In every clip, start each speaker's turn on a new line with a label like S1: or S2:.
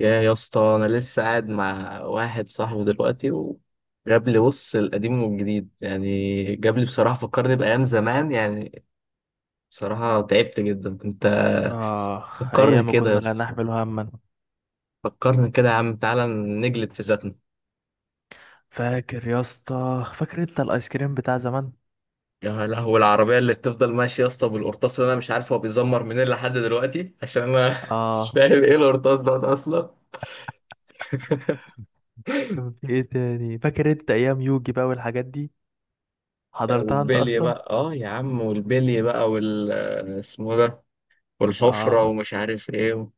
S1: يا اسطى، انا لسه قاعد مع واحد صاحبي دلوقتي وجاب لي بص القديم والجديد، يعني جاب لي بصراحه فكرني بايام زمان يعني. بصراحه تعبت جدا انت.
S2: آه.
S1: فكرني
S2: أيام
S1: كده يا
S2: كنا لا
S1: اسطى.
S2: نحمل هما.
S1: فكرني كده يا عم، تعالى نجلد في ذاتنا.
S2: فاكر يا اسطى؟ فاكر أنت الآيس كريم بتاع زمان؟
S1: يا لهوي العربيه اللي بتفضل ماشيه يا اسطى بالقرطاس، اللي انا مش عارف هو بيزمر منين لحد دلوقتي عشان انا مش
S2: آه.
S1: فاهم ايه القرطاس ده اصلا.
S2: كان في إيه تاني؟ فاكر أنت أيام يوجي بقى والحاجات دي؟ حضرتها أنت
S1: والبلي
S2: أصلا؟
S1: بقى اه يا عم، والبلي بقى اسمه ده. والحفرة
S2: آه
S1: ومش عارف ايه.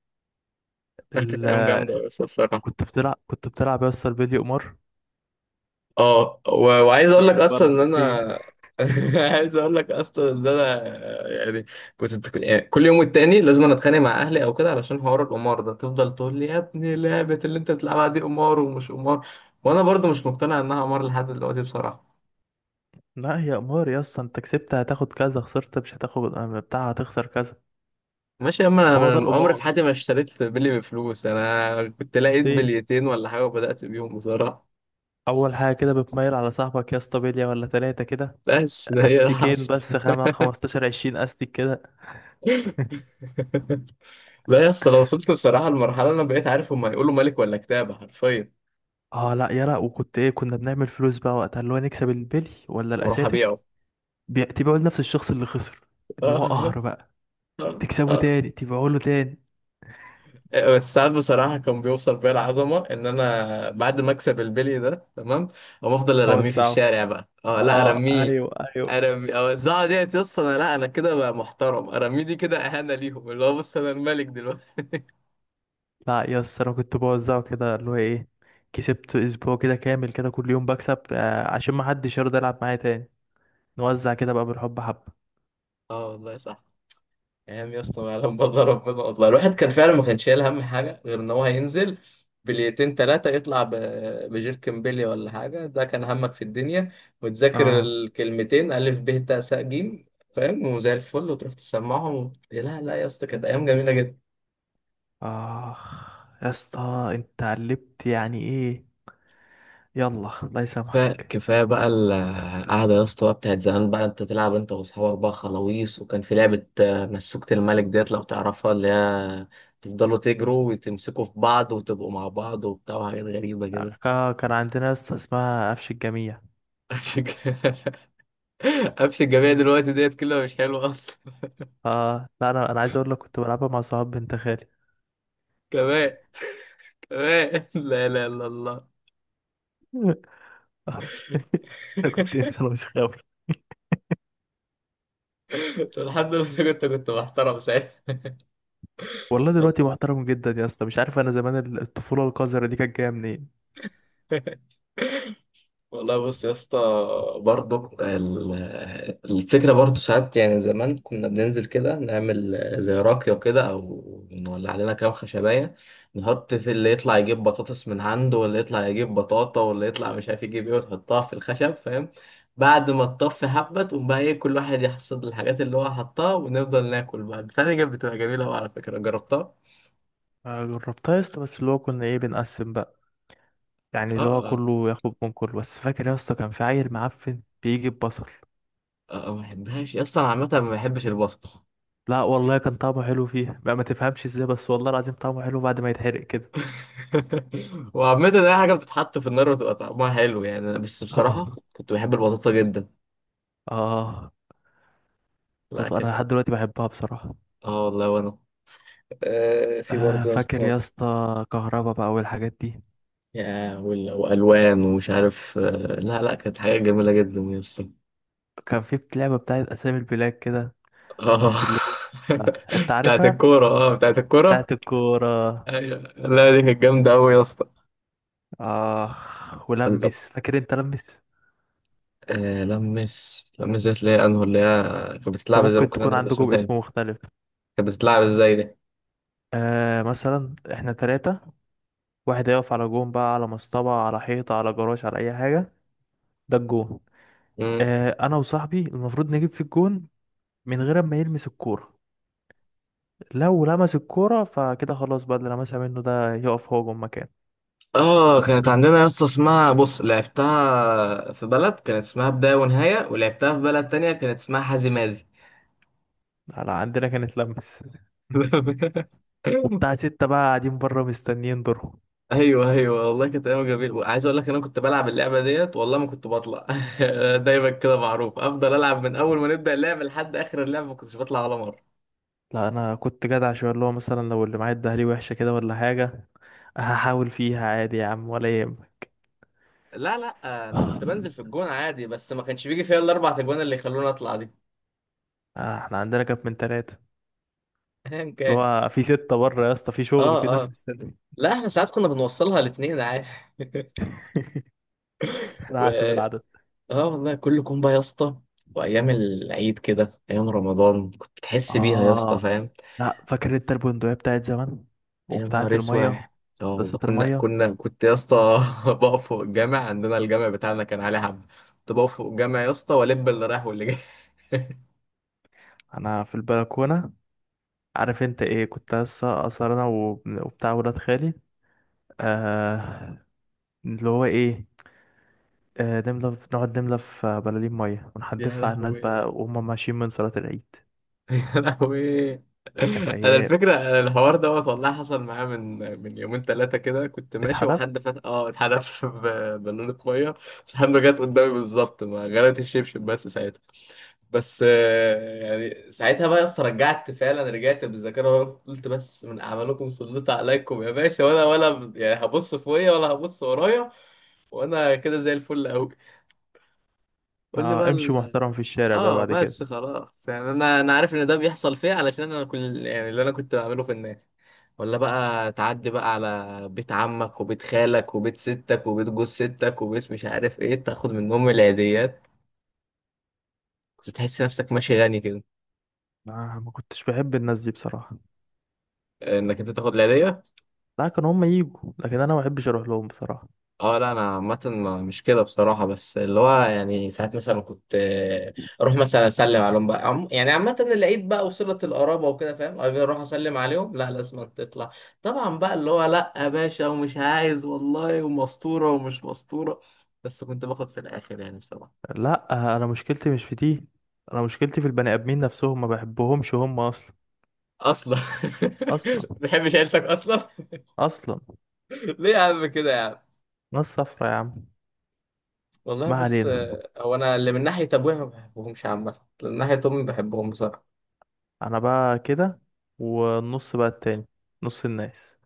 S1: كانت
S2: ال...
S1: ايام جامده بس بصراحه.
S2: كنت بتلعب يا اسطى البيلي قمار؟
S1: اه وعايز اقول لك
S2: سيب
S1: اصلا ان
S2: برضه
S1: انا،
S2: سيب.
S1: عايز اقول لك اصلا ان انا يعني كنت، يعني كل يوم والتاني لازم أنا اتخانق مع اهلي او كده علشان حوار القمار ده. تفضل تقول لي يا ابني لعبه اللي انت بتلعبها دي قمار، ومش قمار. وانا برضو مش مقتنع انها قمار لحد دلوقتي بصراحه.
S2: لا، هي قمار يا اسطى. أنت كسبت هتاخد كذا، خسرت مش هتاخد. بتاع، هتخسر كذا.
S1: ماشي يا عم،
S2: ما هو
S1: انا
S2: ده
S1: من عمري في
S2: القمار.
S1: حياتي ما اشتريت بلي بفلوس، انا كنت لقيت
S2: إيه؟
S1: بليتين ولا حاجه وبدات بيهم بصراحه.
S2: أول حاجة كده بتميل على صاحبك يا اسطى، بلية ولا تلاتة كده.
S1: بس ده هي اللي
S2: أستيكين
S1: حصل.
S2: بس، 5، 15، 20 أستيك كده.
S1: لا يا اسطى، لو وصلت بصراحة لمرحلة أنا بقيت عارف هما هيقولوا ملك ولا كتابة حرفيا،
S2: اه، لا، يلا. وكنت ايه؟ كنا بنعمل فلوس بقى وقتها، اللي هو نكسب البلي ولا
S1: وأروح
S2: الاساتك.
S1: أبيعه.
S2: تبيعه لنفس الشخص اللي خسر، اللي هو قهر بقى. تكسبه تاني، تبيعه له تاني.
S1: بس ساعات بصراحة كان بيوصل بيا العظمة إن أنا بعد ما أكسب البلي ده تمام، أقوم أفضل أرميه في
S2: اوزعه.
S1: الشارع بقى. أه لا
S2: اه،
S1: أرميه،
S2: ايوه، ايوه.
S1: أرمي، أوزعه ديت يا اسطى. أنا لا، أنا كده بقى محترم، أرميه دي كده إهانة ليهم، اللي هو بص أنا الملك دلوقتي.
S2: لا يا اسطى، انا كنت بوزعه كده. اللي هو ايه؟ كسبت اسبوع كده كامل، كده كل يوم بكسب. آه، عشان ما حدش يرضى يلعب معايا تاني. نوزع كده بقى بالحب حبه.
S1: أه والله صح. ايام يا اسطى ما يعلم بالله ربنا، والله الواحد كان فعلا ما كانش شايل هم حاجه غير ان هو هينزل بليتين تلاتة يطلع بجيركن بيلي ولا حاجه. ده كان همك في الدنيا. وتذاكر
S2: اه.
S1: الكلمتين الف ب ت س ج، فاهم، وزي الفل وتروح تسمعهم. لا لا يا اسطى، كانت ايام جميله.
S2: اخ. يا اسطى انت قلبت يعني ايه! يلا الله
S1: كفاية
S2: يسامحك.
S1: كفاية بقى القعدة يا اسطى بقى بتاعت زمان بقى. انت تلعب انت واصحابك بقى خلاويص، وكان في لعبة آه، مسوكة الملك ديت، لو تعرفها، اللي هي تفضلوا تجروا وتمسكوا في بعض وتبقوا مع بعض وبتاع وحاجات غريبة كده.
S2: آه، كان عندنا يا اسطى اسمها قفش الجميع.
S1: قفش الج- قفش الجميع دلوقتي ديت كلها مش حلوة أصلا.
S2: اه، لا، انا عايز اقول لك كنت بلعبها مع صحاب بنت خالي.
S1: كمان، كمان، لا لا لا الله.
S2: آه. انا كنت، انت، انا مش خاوي.
S1: الحمد لله، كنت محترم ساعتها.
S2: والله دلوقتي
S1: والله.
S2: محترم جدا يا اسطى. مش عارف، انا زمان الطفوله القذره دي كانت جايه منين.
S1: والله بص يا اسطى، برضه ال- الفكرة برضه ساعات يعني زمان كنا بننزل كده نعمل زي راكية كده، أو نولع لنا كام خشباية، نحط في اللي يطلع يجيب بطاطس من عنده، واللي يطلع يجيب بطاطا، واللي يطلع مش عارف يجيب إيه، وتحطها في الخشب فاهم. بعد ما تطفي حبة تقوم بقى إيه، كل واحد يحصد الحاجات اللي هو حطها ونفضل ناكل بقى. بتاعتي كانت بتبقى جميلة أوي على فكرة، جربتها؟
S2: آه، جربتها يا اسطى، بس اللي هو كنا ايه، بنقسم بقى. يعني
S1: آه،
S2: اللي هو
S1: آه.
S2: كله ياخد من كله. بس فاكر يا اسطى كان في عيل معفن بيجي ببصل؟
S1: آه، ما بحبهاش أصلا، عامة ما بحبش البصل.
S2: لا والله، كان طعمه حلو فيها بقى. ما تفهمش ازاي، بس والله العظيم طعمه حلو بعد ما يتحرق كده.
S1: وعامة أي حاجة بتتحط في النار بتبقى طعمها حلو يعني، أنا بس بصراحة
S2: اه.
S1: كنت بحب البساطة جدا.
S2: اه.
S1: لا
S2: انا
S1: كده.
S2: لحد دلوقتي بحبها بصراحه.
S1: اه والله، وأنا. آه، في
S2: آه،
S1: برضه يا
S2: فاكر
S1: اسطى،
S2: يا اسطى كهربا بقى والحاجات دي؟
S1: وألوان ومش عارف آه. لا لا كانت حاجة جميلة جدا يا اسطى.
S2: كان في لعبة بتاعت أسامي البلاد كده،
S1: اه.
S2: كنت اللي هو آه، أنت
S1: بتاعت
S2: عارفها،
S1: الكورة، اه بتاعت الكورة.
S2: بتاعت الكورة.
S1: أيوة، لا دي كانت جامدة أوي يا اسطى.
S2: آه،
S1: ال-
S2: ولمس، فاكر أنت لمس؟
S1: آه، لمس، لمس دي اللي هي أنهو، اللي هي كانت
S2: ده
S1: بتتلعب ازاي؟
S2: ممكن
S1: ممكن
S2: تكون
S1: أضرب اسم
S2: عندكم
S1: تاني،
S2: اسم مختلف.
S1: كانت بتتلعب ازاي؟
S2: آه، مثلا إحنا تلاتة. واحد هيقف على جون، بقى على مصطبة، على حيطة، على جراج، على أي حاجة، ده الجون.
S1: دي
S2: آه، أنا وصاحبي المفروض نجيب في الجون من غير ما يلمس الكورة. لو لمس الكورة فكده خلاص، بقى اللي لمسها منه ده يقف هو جون مكانه.
S1: اه كانت
S2: وطبعا
S1: عندنا يا اسطى اسمها، بص، لعبتها في بلد كانت اسمها بداية ونهاية، ولعبتها في بلد تانية كانت اسمها حازي مازي.
S2: على عندنا كانت لمس. وبتاع ستة بقى قاعدين بره مستنيين دورهم.
S1: ايوه ايوه، والله كانت ايام جميله. عايز اقول لك إن انا كنت بلعب اللعبه ديت والله ما كنت بطلع. دايما كده معروف افضل العب، من اول ما نبدا اللعب لحد اخر اللعب ما كنتش بطلع ولا مره.
S2: لا، انا كنت جدع شويه، اللي هو مثلا لو اللي معايا اداها لي وحشه كده ولا حاجه، هحاول فيها عادي يا عم، ولا يهمك.
S1: لا لا، انا كنت بنزل في الجون عادي، بس ما كانش بيجي فيها الا اربع اجوان اللي يخلوني اطلع دي.
S2: آه، احنا عندنا كانت من ثلاثه،
S1: ايا
S2: اللي
S1: كان.
S2: هو في ستة بره يا اسطى، في شغل، في
S1: اه،
S2: ناس
S1: اه.
S2: مستنيه.
S1: لا احنا ساعات كنا بنوصلها الاثنين عادي. و...
S2: انا حاسب العدد.
S1: اه والله، كل كومبا يا اسطى. وايام العيد كده، ايام رمضان كنت بتحس بيها يا اسطى
S2: اه،
S1: فاهم.
S2: لا فاكر انت البندقيه بتاعت زمان؟
S1: يا
S2: وبتاعت
S1: نهار اسود.
S2: الميه،
S1: اه والله،
S2: مسدسات
S1: كنا
S2: الميه؟
S1: كنا كنت يا اسطى بقف فوق الجامع. عندنا الجامع بتاعنا كان عليه حب، كنت بقف فوق الجامع يا اسطى والب اللي رايح واللي جاي.
S2: انا في البلكونه. عارف انت ايه؟ كنت لسه اصلا انا وبتاع ولاد خالي. آه، اللي هو ايه؟ نملى في، نقعد نملى في بلالين 100
S1: يا
S2: ونحدفها على الناس بقى
S1: لهوي،
S2: وهم ماشيين من صلاة العيد.
S1: يا لهوي.
S2: كانت
S1: انا
S2: أيام.
S1: الفكره، أنا الحوار دوت والله حصل معايا من يومين ثلاثه كده. كنت ماشي وحد
S2: اتحدفت.
S1: فات اه اتحدف بالونه ميه، بس الحمد لله جت قدامي بالظبط، ما غرقت الشبشب بس. بس آه، يعني ساعتها بقى يا اسطى رجعت، فعلا رجعت بالذاكره ورا، قلت بس من اعمالكم سلط عليكم يا باشا، ولا يعني هبص فوقيا ولا هبص ورايا، وانا كده زي الفل قوي. قول لي
S2: اه،
S1: بقى
S2: امشي محترم في الشارع بقى
S1: اه
S2: بعد كده.
S1: بس خلاص يعني، انا عارف ان ده بيحصل فيا، علشان انا كل يعني اللي انا كنت بعمله في الناس. ولا بقى تعدي بقى على بيت عمك وبيت خالك وبيت ستك وبيت جوز ستك وبيت مش عارف ايه، تاخد منهم العيديات. كنت تحس نفسك ماشي غني كده،
S2: آه، ما كنتش بحب الناس دي بصراحة.
S1: انك انت تاخد العيديه.
S2: لا، كانوا هم يجوا، لكن أنا ما بحبش أروح لهم بصراحة.
S1: اه لا انا عامه، مش كده بصراحه. بس اللي هو يعني ساعات مثلا كنت آه، اروح مثلا اسلم عليهم بقى، يعني عامه العيد بقى وصله القرابه وكده فاهم، اجي اروح اسلم عليهم. لا لازم تطلع، طبعا بقى اللي هو لا يا باشا ومش عايز والله، ومسطوره ومش مسطوره، بس كنت باخد في الاخر يعني بصراحه.
S2: لا، آه، أنا مشكلتي مش في دي. أنا مشكلتي في البني آدمين نفسهم، ما بحبهمش هم أصلا.
S1: اصلا
S2: أصلا،
S1: ما بحبش عيلتك اصلا.
S2: أصلا.
S1: ليه يا عم كده يا عم؟
S2: ناس صفرا يا عم.
S1: والله
S2: ما
S1: بص
S2: علينا.
S1: آه، هو انا اللي من ناحيه ابويا ما بحبهمش عامه. من ناحيه امي ما بحبهم بصراحه.
S2: انا بقى كده، والنص بقى التاني، نص الناس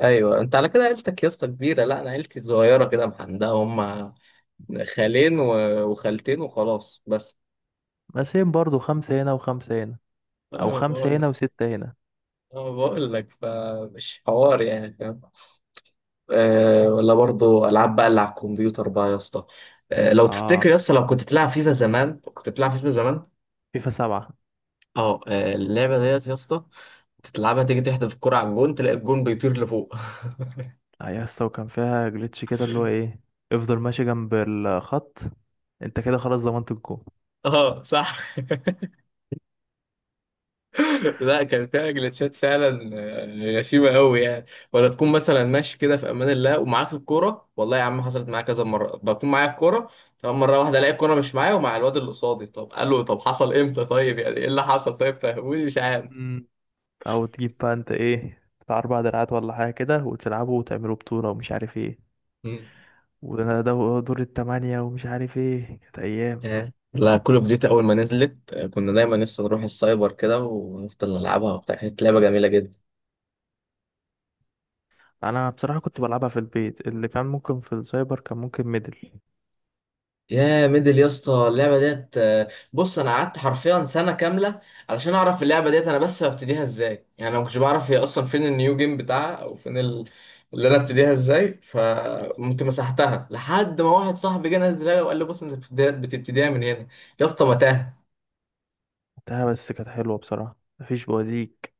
S1: ايوه انت على كده عيلتك يا اسطى كبيره، لا انا عيلتي صغيره كده محندقه هم، خالين وخالتين وخلاص بس.
S2: مقسمين برضو، خمسة هنا وخمسة هنا، او
S1: انا بقول
S2: خمسة هنا
S1: لك
S2: وستة هنا.
S1: انا بقول لك فمش حوار يعني فاهم. أه ولا
S2: اه.
S1: برضو العاب بقى اللي على الكمبيوتر بقى يا اسطى. أه لو تفتكر
S2: اه.
S1: يا اسطى، لو كنت تلعب فيفا زمان، كنت بتلعب فيفا زمان.
S2: فيفا 7!
S1: اه آه، اللعبه ديت يا اسطى تلعبها تيجي تحدف الكرة على الجون، تلاقي الجون بيطير لفوق.
S2: اه يا اسطى، وكان فيها جليتش كده اللي هو ايه، افضل ماشي جنب الخط، انت كده خلاص ضمنت الجول.
S1: اه صح. لا كان فيها جلتشات فعلا، آه، غشيمه قوي يعني. ولا تكون مثلا ماشي كده في امان الله ومعاك الكوره، والله يا عم حصلت معايا كذا مره بكون معايا الكوره تمام، مره واحده الاقي الكوره مش معايا ومع الواد اللي قصادي. طب قال له طب حصل امتى، طيب يعني ايه اللي حصل، طيب فهموني مش عارف.
S2: مم. او تجيب بقى انت ايه بتاع اربع دراعات ولا حاجة كده، وتلعبوا وتعملوا بطولة ومش عارف ايه،
S1: مم.
S2: وده دور التمانية ومش عارف ايه. كانت ايام.
S1: آه. لا كل اوف ديوتي اول ما نزلت آه، كنا دايما لسه نروح السايبر كده ونفضل نلعبها وبتاع. كانت لعبه جميله جدا.
S2: انا بصراحه كنت بلعبها في البيت، اللي كان ممكن في السايبر كان ممكن ميدل.
S1: يا ميدل يا اسطى، اللعبه ديت آه، بص انا قعدت حرفيا سنه كامله علشان اعرف اللعبه ديت انا بس ببتديها ازاي، يعني انا ما كنتش بعرف هي اصلا فين النيو جيم بتاعها، او فين اللي انا ابتديها ازاي، فقمت مسحتها، لحد ما واحد صاحبي جه نزلها لي وقال لي بص انت بتبتديها من هنا. يا اسطى متاهه.
S2: لعبتها بس، كانت حلوه بصراحه، مفيش بوازيك.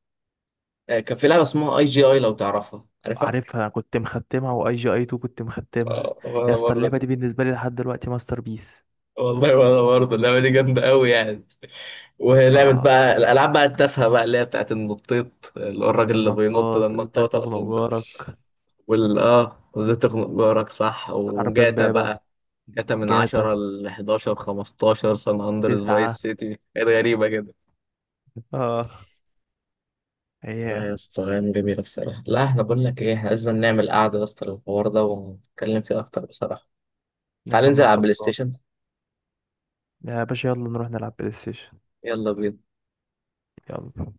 S1: آه، كان في لعبه اسمها اي جي اي لو تعرفها، عارفها.
S2: عارفها، انا كنت مختمها، واي جي اي 2 كنت مختمها.
S1: آه،
S2: يا
S1: وانا
S2: اسطى اللعبه
S1: برضه.
S2: دي بالنسبه لي لحد دلوقتي ماستر بيس.
S1: والله وانا برضه، اللعبه دي جامده قوي يعني. ولعبة
S2: اه،
S1: بقى، الألعاب بقى التافهة بقى، اللي هي بتاعت النطيط، اللي هو الراجل اللي بينط ده،
S2: النطاط، ازاي
S1: النطاط
S2: تخنق
S1: أقصد ده.
S2: جارك،
S1: وال آه، وإزاي تخنق جارك، صح،
S2: حرب
S1: وجاتا
S2: امبابه،
S1: بقى. جاتا من
S2: جاتا
S1: 10 ل 11، 15، سان أندرس، فايس
S2: 9.
S1: سيتي، كانت غريبة كده.
S2: اه،
S1: لا يا
S2: ايام.
S1: اسطى أيام جميلة بصراحة. لا احنا بقول لك إيه، احنا لازم نعمل قعدة يا اسطى للحوار ده ونتكلم فيه أكتر بصراحة.
S2: يا
S1: تعال ننزل
S2: عم
S1: على البلاي
S2: خلصان.
S1: ستيشن.
S2: يا باشا يلا نروح نلعب بلاي ستيشن.
S1: يلا بينا.
S2: يلا.